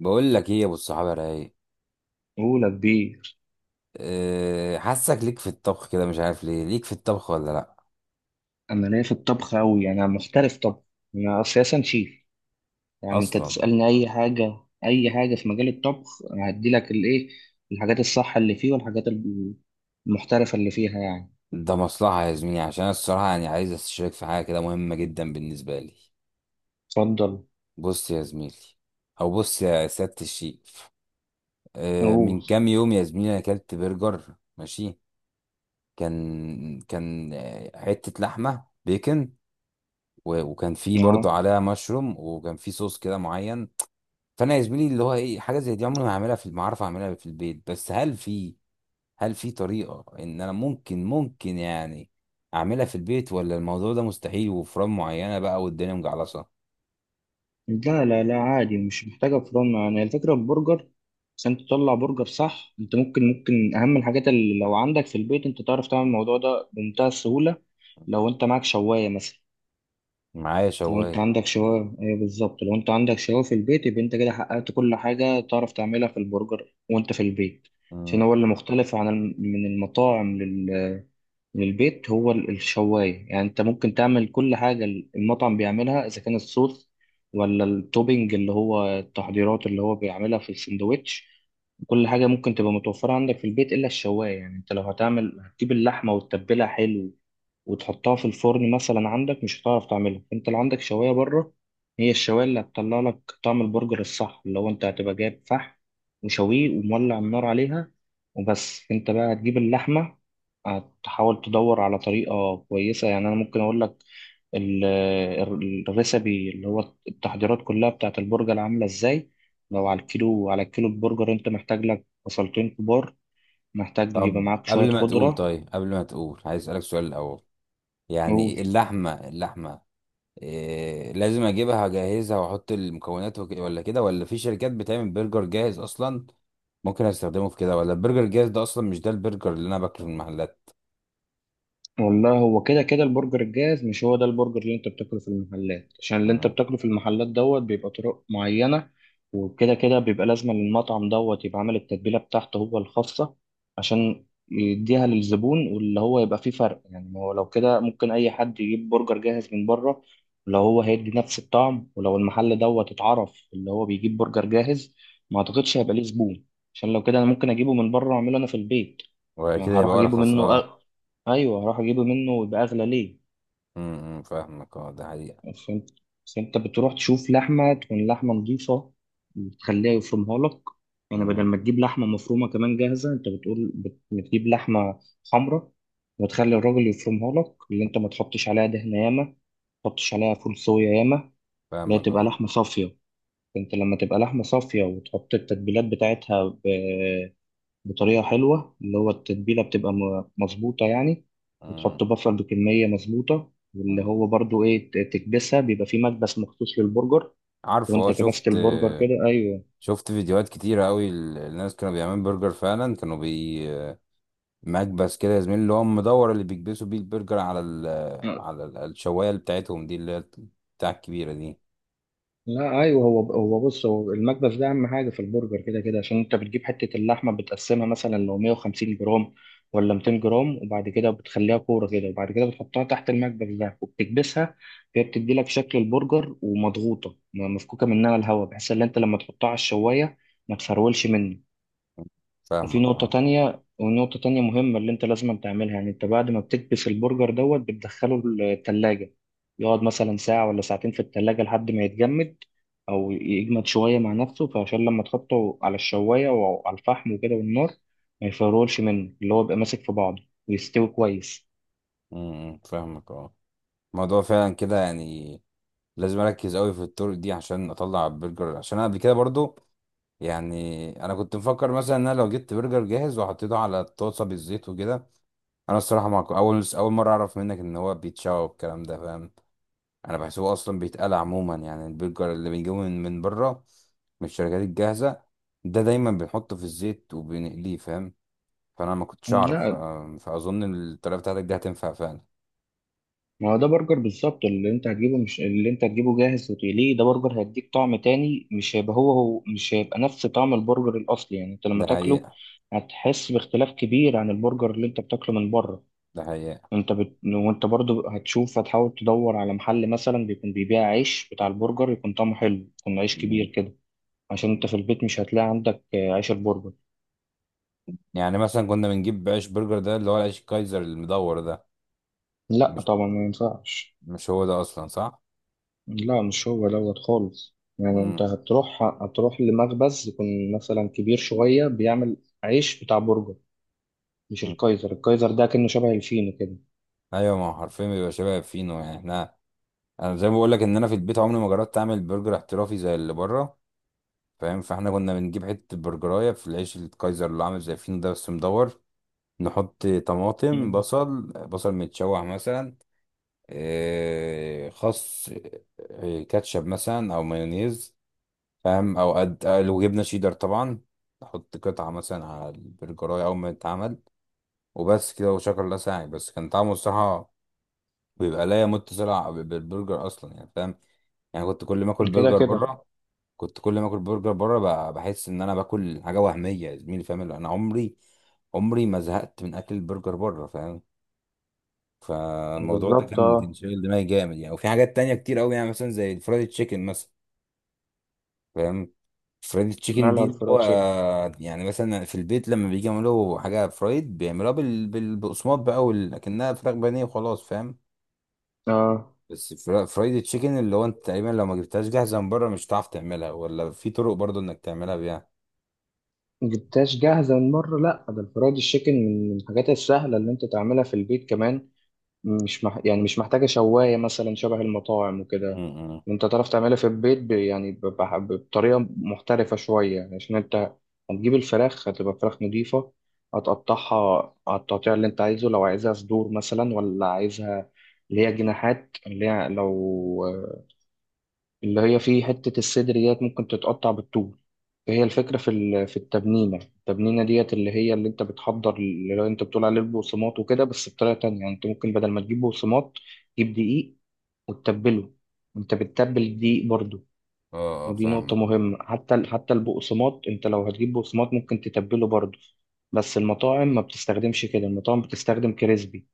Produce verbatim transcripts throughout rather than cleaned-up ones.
بقول لك ايه يا ابو الصحابه يا رايق؟ أولى كبير. أه، حاسك ليك في الطبخ كده، مش عارف ليه ليك في الطبخ ولا لا؟ أنا ليا في الطبخ أوي، يعني أنا محترف طبخ. أنا أساسا شيف، يعني أنت اصلا تسألني أي حاجة، أي حاجة في مجال الطبخ هديلك الإيه، الحاجات الصح اللي فيه والحاجات المحترفة اللي فيها يعني. ده مصلحه يا زميلي، عشان أنا الصراحه يعني عايز استشيرك في حاجه كده مهمه جدا بالنسبه لي. اتفضل. بص يا زميلي، او بص يا سياده الشيف، أه من أقول. كام يوم يا زميلي انا اكلت برجر. ماشي، كان كان آه، حته لحمه بيكن، و- وكان فيه برضه أه، عليها مشروم، وكان فيه صوص كده معين. فانا يا زميلي اللي هو ايه، حاجه زي دي عمري ما هعملها، في ما اعرف اعملها في البيت، بس هل في هل في طريقة ان انا ممكن ممكن يعني اعملها في البيت، ولا الموضوع ده مستحيل وفران معينة بقى والدنيا مجعلصة؟ لا لا لا عادي، مش محتاجة فرن. يعني الفكرة البرجر عشان تطلع برجر صح، أنت ممكن ممكن أهم الحاجات اللي لو عندك في البيت أنت تعرف تعمل الموضوع ده بمنتهى السهولة. لو أنت معاك شواية مثلا، معايا لو انت شواية. عندك شوايه، ايوه بالظبط، لو انت عندك شوايه في البيت يبقى انت كده حققت كل حاجه تعرف تعملها في البرجر وانت في البيت. عشان مم. هو اللي مختلف عن الم- من المطاعم لل- للبيت هو ال- الشوايه. يعني انت ممكن تعمل كل حاجه المطعم بيعملها، اذا كان الصوص ولا التوبينج اللي هو التحضيرات اللي هو بيعملها في السندوتش، كل حاجه ممكن تبقى متوفره عندك في البيت الا الشوايه. يعني انت لو هتعمل، هتجيب اللحمه وتتبلها حلو وتحطها في الفرن مثلا عندك مش هتعرف تعملها. انت اللي عندك شوايه بره، هي الشوايه اللي هتطلع لك طعم البرجر الصح، اللي هو انت هتبقى جايب فحم وشويه ومولع النار عليها وبس. انت بقى هتجيب اللحمه، هتحاول تدور على طريقه كويسه. يعني انا ممكن اقول لك ال- ال- الريسبي اللي هو التحضيرات كلها بتاعت البرجر عامله ازاي. لو على الكيلو، على الكيلو البرجر انت محتاج لك بصلتين كبار، محتاج يبقى طب معاك شويه قبل ما تقول، خضره. طيب قبل ما تقول عايز اسألك سؤال الاول، يعني اللحمة اللحمة إيه، لازم اجيبها اجهزها واحط المكونات وك- ولا كده، ولا في شركات بتعمل برجر جاهز اصلا ممكن استخدمه في كده؟ ولا البرجر الجاهز ده اصلا مش ده البرجر اللي انا باكله في المحلات؟ والله هو كده كده البرجر الجاهز مش هو ده البرجر اللي انت بتاكله في المحلات، عشان اللي انت مم. بتاكله في المحلات دوت بيبقى طرق معينة، وكده كده بيبقى لازم للمطعم دوت يبقى عامل التتبيلة بتاعته هو الخاصة، عشان يديها للزبون، واللي هو يبقى فيه فرق. يعني ما هو لو كده ممكن أي حد يجيب برجر جاهز من بره، لو هو هيدي نفس الطعم، ولو المحل دوت اتعرف اللي هو بيجيب برجر جاهز ما أعتقدش هيبقى ليه زبون، عشان لو كده أنا ممكن أجيبه من بره وأعمله أنا في البيت، ولا كده ما هروح يبقى أجيبه ارخص، منه. اه. ايوه، هروح اجيبه منه ويبقى اغلى ليه؟ امم، فاهمك اه، ده حقيقة. فهمت. بس انت بتروح تشوف لحمه، تكون لحمه نظيفه وتخليها يفرمها لك. يعني بدل مم. ما تجيب لحمه مفرومه كمان جاهزه، انت بتقول بت- بتجيب لحمه حمراء وتخلي الراجل يفرمها لك، اللي انت ما تحطش عليها دهنه ياما ما تحطش عليها فول صويا، ياما اللي هي فاهمك تبقى اه. لحمه صافيه. انت لما تبقى لحمه صافيه وتحط التتبيلات بتاعتها بطريقة حلوة اللي هو التتبيلة بتبقى م- مظبوطة يعني، وتحط مم. بصل بكمية مظبوطة، واللي مم. هو برضو إيه، ت- تكبسها، بيبقى فيه مكبس مخصوص للبرجر عارفه وأنت اه، كبست شفت، البرجر كده. أيوه. شفت فيديوهات كتيرة قوي، ال- الناس كانوا بيعملوا برجر فعلا، كانوا بي، مكبس كده يا زميلي اللي هو مدور، اللي بيكبسوا بيه البرجر على ال على ال- الشواية اللي بتاعتهم دي، اللي هي بتاع الكبيرة دي. لا ايوه، هو هو بص، هو المكبس ده اهم حاجه في البرجر كده كده، عشان انت بتجيب حته اللحمه بتقسمها مثلا لو 150 جرام ولا 200 جرام، وبعد كده بتخليها كوره كده، وبعد كده بتحطها تحت المكبس ده وبتكبسها. هي بتدي لك شكل البرجر ومضغوطه، م- مفكوكه منها الهواء، بحيث ان انت لما تحطها على الشوايه ما تفرولش منك. وفي فاهمك نقطة اه. تانية، ونقطة تانية مهمة اللي أنت لازم تعملها، يعني أنت بعد ما بتكبس البرجر دوت بتدخله التلاجة، يقعد مثلا ساعة ولا ساعتين في التلاجة لحد ما يتجمد، أو يجمد شوية مع نفسه، فعشان لما تحطه على الشواية وعلى الفحم وكده والنار ما يفرولش منه، اللي هو بيبقى ماسك في بعضه ويستوي كويس. مم. فاهمك اه. الموضوع فعلا كده يعني، لازم اركز قوي في الطرق دي عشان اطلع برجر، عشان انا قبل كده برضو يعني انا كنت مفكر مثلا ان انا لو جبت برجر جاهز وحطيته على الطاسه بالزيت وكده. انا الصراحه ما كو- اول اول مره اعرف منك ان هو بيتشوى والكلام ده، فاهم؟ انا بحسبه اصلا بيتقلى عموما، يعني البرجر اللي بيجيبه من من بره من الشركات الجاهزه ده دايما بنحطه في الزيت وبنقليه، فاهم؟ فانا ما كنتش اعرف. ف- لا، فاظن الطريقه بتاعتك دي هتنفع فعلا. ما هو ده برجر بالظبط اللي انت هتجيبه. مش اللي انت هتجيبه جاهز وتقليه، ده برجر هيديك طعم تاني، مش هيبقى هو هو، مش هيبقى نفس طعم البرجر الأصلي. يعني انت لما ده تاكله حقيقه. هتحس باختلاف كبير عن البرجر اللي انت بتاكله من بره. ده حقيقه. انت بت... وانت برضو هتشوف، هتحاول تدور على محل مثلا بيكون بيبيع عيش بتاع البرجر، يكون طعمه حلو، يكون عيش كبير كده، عشان انت في البيت مش هتلاقي عندك آه، عيش البرجر. يعني مثلا كنا بنجيب عيش برجر، ده اللي هو العيش الكايزر المدور ده. لا مش طبعا ما ينفعش. مش هو ده اصلا، صح؟ لا، مش هو دوت خالص. يعني انت مم. هتروح، هتروح لمخبز يكون مثلا كبير شوية بيعمل عيش بتاع برجر. مش مم. الكايزر، الكايزر ده كأنه شبه الفينو كده. ايوه، ما هو حرفيا بيبقى شبه فينو، يعني احنا، انا زي ما بقول لك ان انا في البيت عمري ما جربت اعمل برجر احترافي زي اللي بره، فاهم؟ فاحنا كنا بنجيب حته برجرايه في العيش الكايزر اللي عامل زي فينو ده، بس مدور. نحط طماطم، مم. بصل، بصل متشوح مثلا، إيه، خس، إيه، كاتشب مثلا او مايونيز، فاهم؟ او قد آه، لو جبنا شيدر طبعا، نحط قطعة مثلا على البرجراية أول ما يتعمل. وبس كده، وشكر الله ساعي، بس كان طعمه الصراحة بيبقى لا يمت صلة بالبرجر أصلا، يعني فاهم؟ يعني كنت كل ما آكل كده برجر كده. بره، كنت كل ما آكل برجر بره ب- بحس إن أنا باكل حاجة وهمية يا زميلي، فاهم؟ اللي أنا عمري عمري ما زهقت من أكل البرجر بره، فاهم؟ فالموضوع ده بالظبط، كان كان اه. شاغل دماغي جامد يعني، وفي حاجات تانية كتير أوي يعني، مثلا زي الفرايد تشيكن مثلا، فاهم؟ فرايد تشيكن نعلى دي على اللي الفرايد هو، تشيكن. يعني مثلا في البيت لما بيجي يعملوا حاجه فرايد بيعملوها بال... بال... بالبقسماط بقى، وال... لكنها فراخ بانيه وخلاص، فاهم؟ اه، بس فرا- فرايد تشيكن اللي هو انت تقريبا لو ما جبتهاش جاهزه من بره مش هتعرف تعملها، ولا في طرق برضو انك تعملها بيها؟ جبتهاش جاهزة من مرة؟ لا، ده الفرايد تشيكن من الحاجات السهلة اللي انت تعملها في البيت كمان. مش مح... يعني مش محتاجة شواية مثلا شبه المطاعم وكده. امم، انت تعرف تعملها في البيت ب... يعني ب... بح- بطريقة محترفة شوية. يعني عشان انت هتجيب الفراخ، هتبقى فراخ نضيفة، هتقطعها على التقطيع اللي انت عايزه، لو عايزها صدور مثلا، ولا عايزها اللي هي جناحات، اللي هي لو اللي هي فيه حتة الصدر ديت ممكن تتقطع بالطول. هي الفكرة في ال- في التبنينة، التبنينة ديت اللي هي اللي انت بتحضر، اللي انت بتقول عليه البقسماط وكده، بس بطريقة تانية. يعني انت ممكن بدل ما تجيب بقسماط تجيب دقيق وتتبله. انت بتتبل الدقيق برضو، اه اه ودي نقطة فاهمك. مهمة. حتى ال- حتى البقسماط انت لو هتجيب بقسماط ممكن تتبله برضو، بس المطاعم ما بتستخدمش كده. المطاعم بتستخدم كريسبي.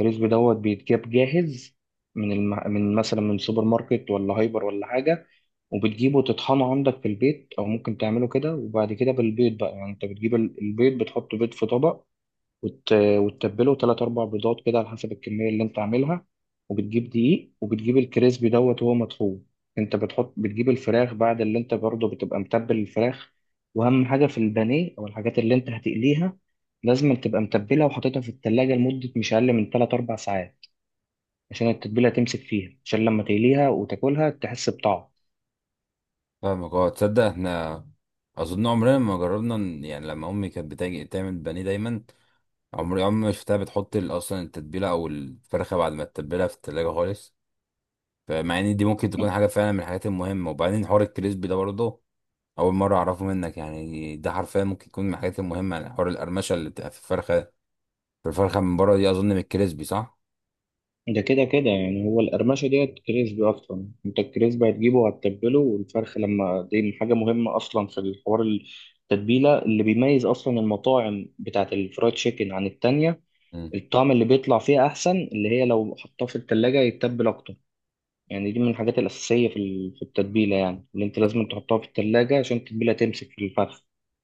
الكريسب دوت بيتجاب جاهز من الم... من مثلا من سوبر ماركت ولا هايبر ولا حاجة، وبتجيبه تطحنه عندك في البيت، أو ممكن تعمله كده. وبعد كده بالبيض بقى. يعني أنت بتجيب ال- البيض، بتحط بيض في طبق وت... وتتبله، تلات أربع بيضات كده على حسب الكمية اللي أنت عاملها. وبتجيب دقيق، وبتجيب الكريسبي دوت وهو مطحون. أنت بتحط، بتجيب الفراخ بعد اللي أنت برضه بتبقى متبل الفراخ. وأهم حاجة في البانيه أو الحاجات اللي أنت هتقليها، لازم تبقى متبلها وحاططها في التلاجة لمدة مش أقل من تلات أربع ساعات، عشان التتبيلة تمسك فيها، عشان لما تقليها وتاكلها تحس بطعم. فاهمك اه، تصدق احنا اظن عمرنا ما جربنا ن- يعني لما امي كانت بتاجي تعمل بانيه دايما، عمري عمري ما شفتها بتحط ال- اصلا التتبيله او الفرخه بعد ما تتبلها في التلاجة خالص. فمع ان دي ممكن تكون حاجه فعلا من الحاجات المهمه. وبعدين حوار الكريسبي ده برضه، اول مره اعرفه منك، يعني ده حرفيا ممكن يكون من الحاجات المهمه، يعني حوار القرمشه اللي بتبقى في الفرخه في الفرخه من بره دي، اظن من الكريسبي، صح؟ ده كده كده، يعني هو القرمشة ديت كريسبي أصلا. أنت الكريسبي هتجيبه وهتتبله والفرخ لما، دي حاجة مهمة أصلا في الحوار، التتبيلة اللي بيميز أصلا المطاعم بتاعة الفرايد تشيكن عن التانية، مم. الطعم اللي بيطلع فيها أحسن، اللي هي لو حطاه في التلاجة يتبل أكتر. يعني دي من الحاجات الأساسية في ال- في التتبيلة، يعني اللي أنت لازم تحطها في التلاجة عشان التتبيلة تمسك في الفرخ.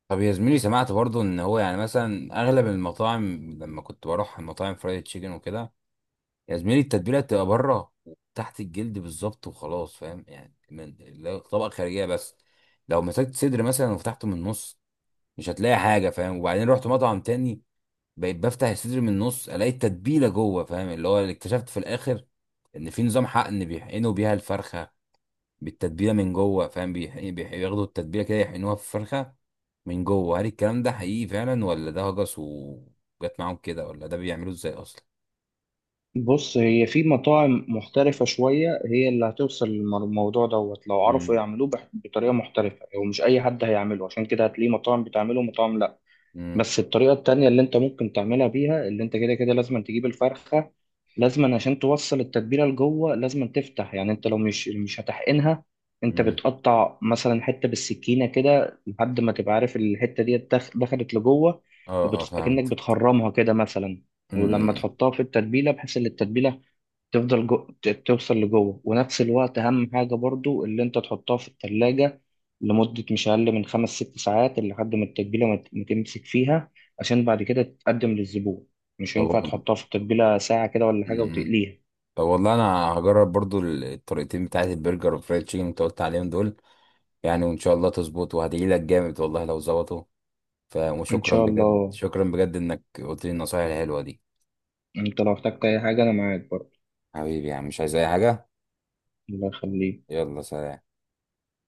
طب يا زميلي، سمعت برضه ان هو يعني مثلا اغلب المطاعم، لما كنت بروح المطاعم فرايد تشيكن وكده، يا زميلي التتبيله بتبقى بره، تحت الجلد بالظبط وخلاص، فاهم؟ يعني من لو طبقه خارجيه بس، لو مسكت صدر مثلا وفتحته من النص مش هتلاقي حاجه، فاهم؟ وبعدين رحت مطعم تاني بقيت بفتح الصدر من النص، الاقي التتبيله جوه، فاهم؟ اللي هو اللي اكتشفت في الاخر ان في نظام حقن بيحقنوا بيها الفرخه بالتتبيله من جوه، فاهم؟ بيح- بيح- بياخدوا التتبيله كده يحقنوها في الفرخه من جوه. هل الكلام ده حقيقي فعلا، ولا ده هجس وجت معاهم كده، ولا ده بيعملوه ازاي اصلا؟ بص، هي في مطاعم محترفة شوية هي اللي هتوصل للموضوع دوت، لو عرفوا امم. يعملوه بح- بطريقة محترفة، ومش أي حد هيعمله، عشان كده هتلاقيه مطاعم بتعمله ومطاعم. امم. بس الطريقة التانية اللي انت ممكن تعملها بيها، اللي انت كده كده لازم تجيب الفرخة، لازم عشان توصل التتبيلة لجوه لازم تفتح. يعني انت لو مش مش هتحقنها، انت امم. بتقطع مثلا حتة بالسكينة كده لحد ما تبقى عارف الحتة دي دخ- دخلت لجوه، اه اه وبتخ... كأنك فهمت. بتخرمها كده مثلا، ولما امم. تحطها في التتبيلة بحيث ان التتبيلة تفضل جو... ت- توصل لجوه. ونفس الوقت اهم حاجه برضو اللي انت تحطها في الثلاجه لمده مش اقل من خمس ست ساعات، لحد ما التتبيله ما ت- ما تمسك فيها عشان بعد كده تتقدم للزبون. مش طب هينفع وال- تحطها في التتبيله ساعه كده ولا حاجه امم، وتقليها. طب والله انا هجرب برضو الطريقتين بتاعت البرجر والفرايد تشيكن اللي انت قلت عليهم دول، يعني وان شاء الله تظبط، وهدعي لك جامد والله لو ظبطوا. ف... ان وشكرا شاء بجد، الله. شكرا بجد انك قلت لي النصايح الحلوة دي. انت لو احتجت اي حاجه انا معاك برضو. حبيبي يا عم، مش عايز اي حاجة. الله يخليك. يلا سلام.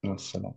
مع السلامه.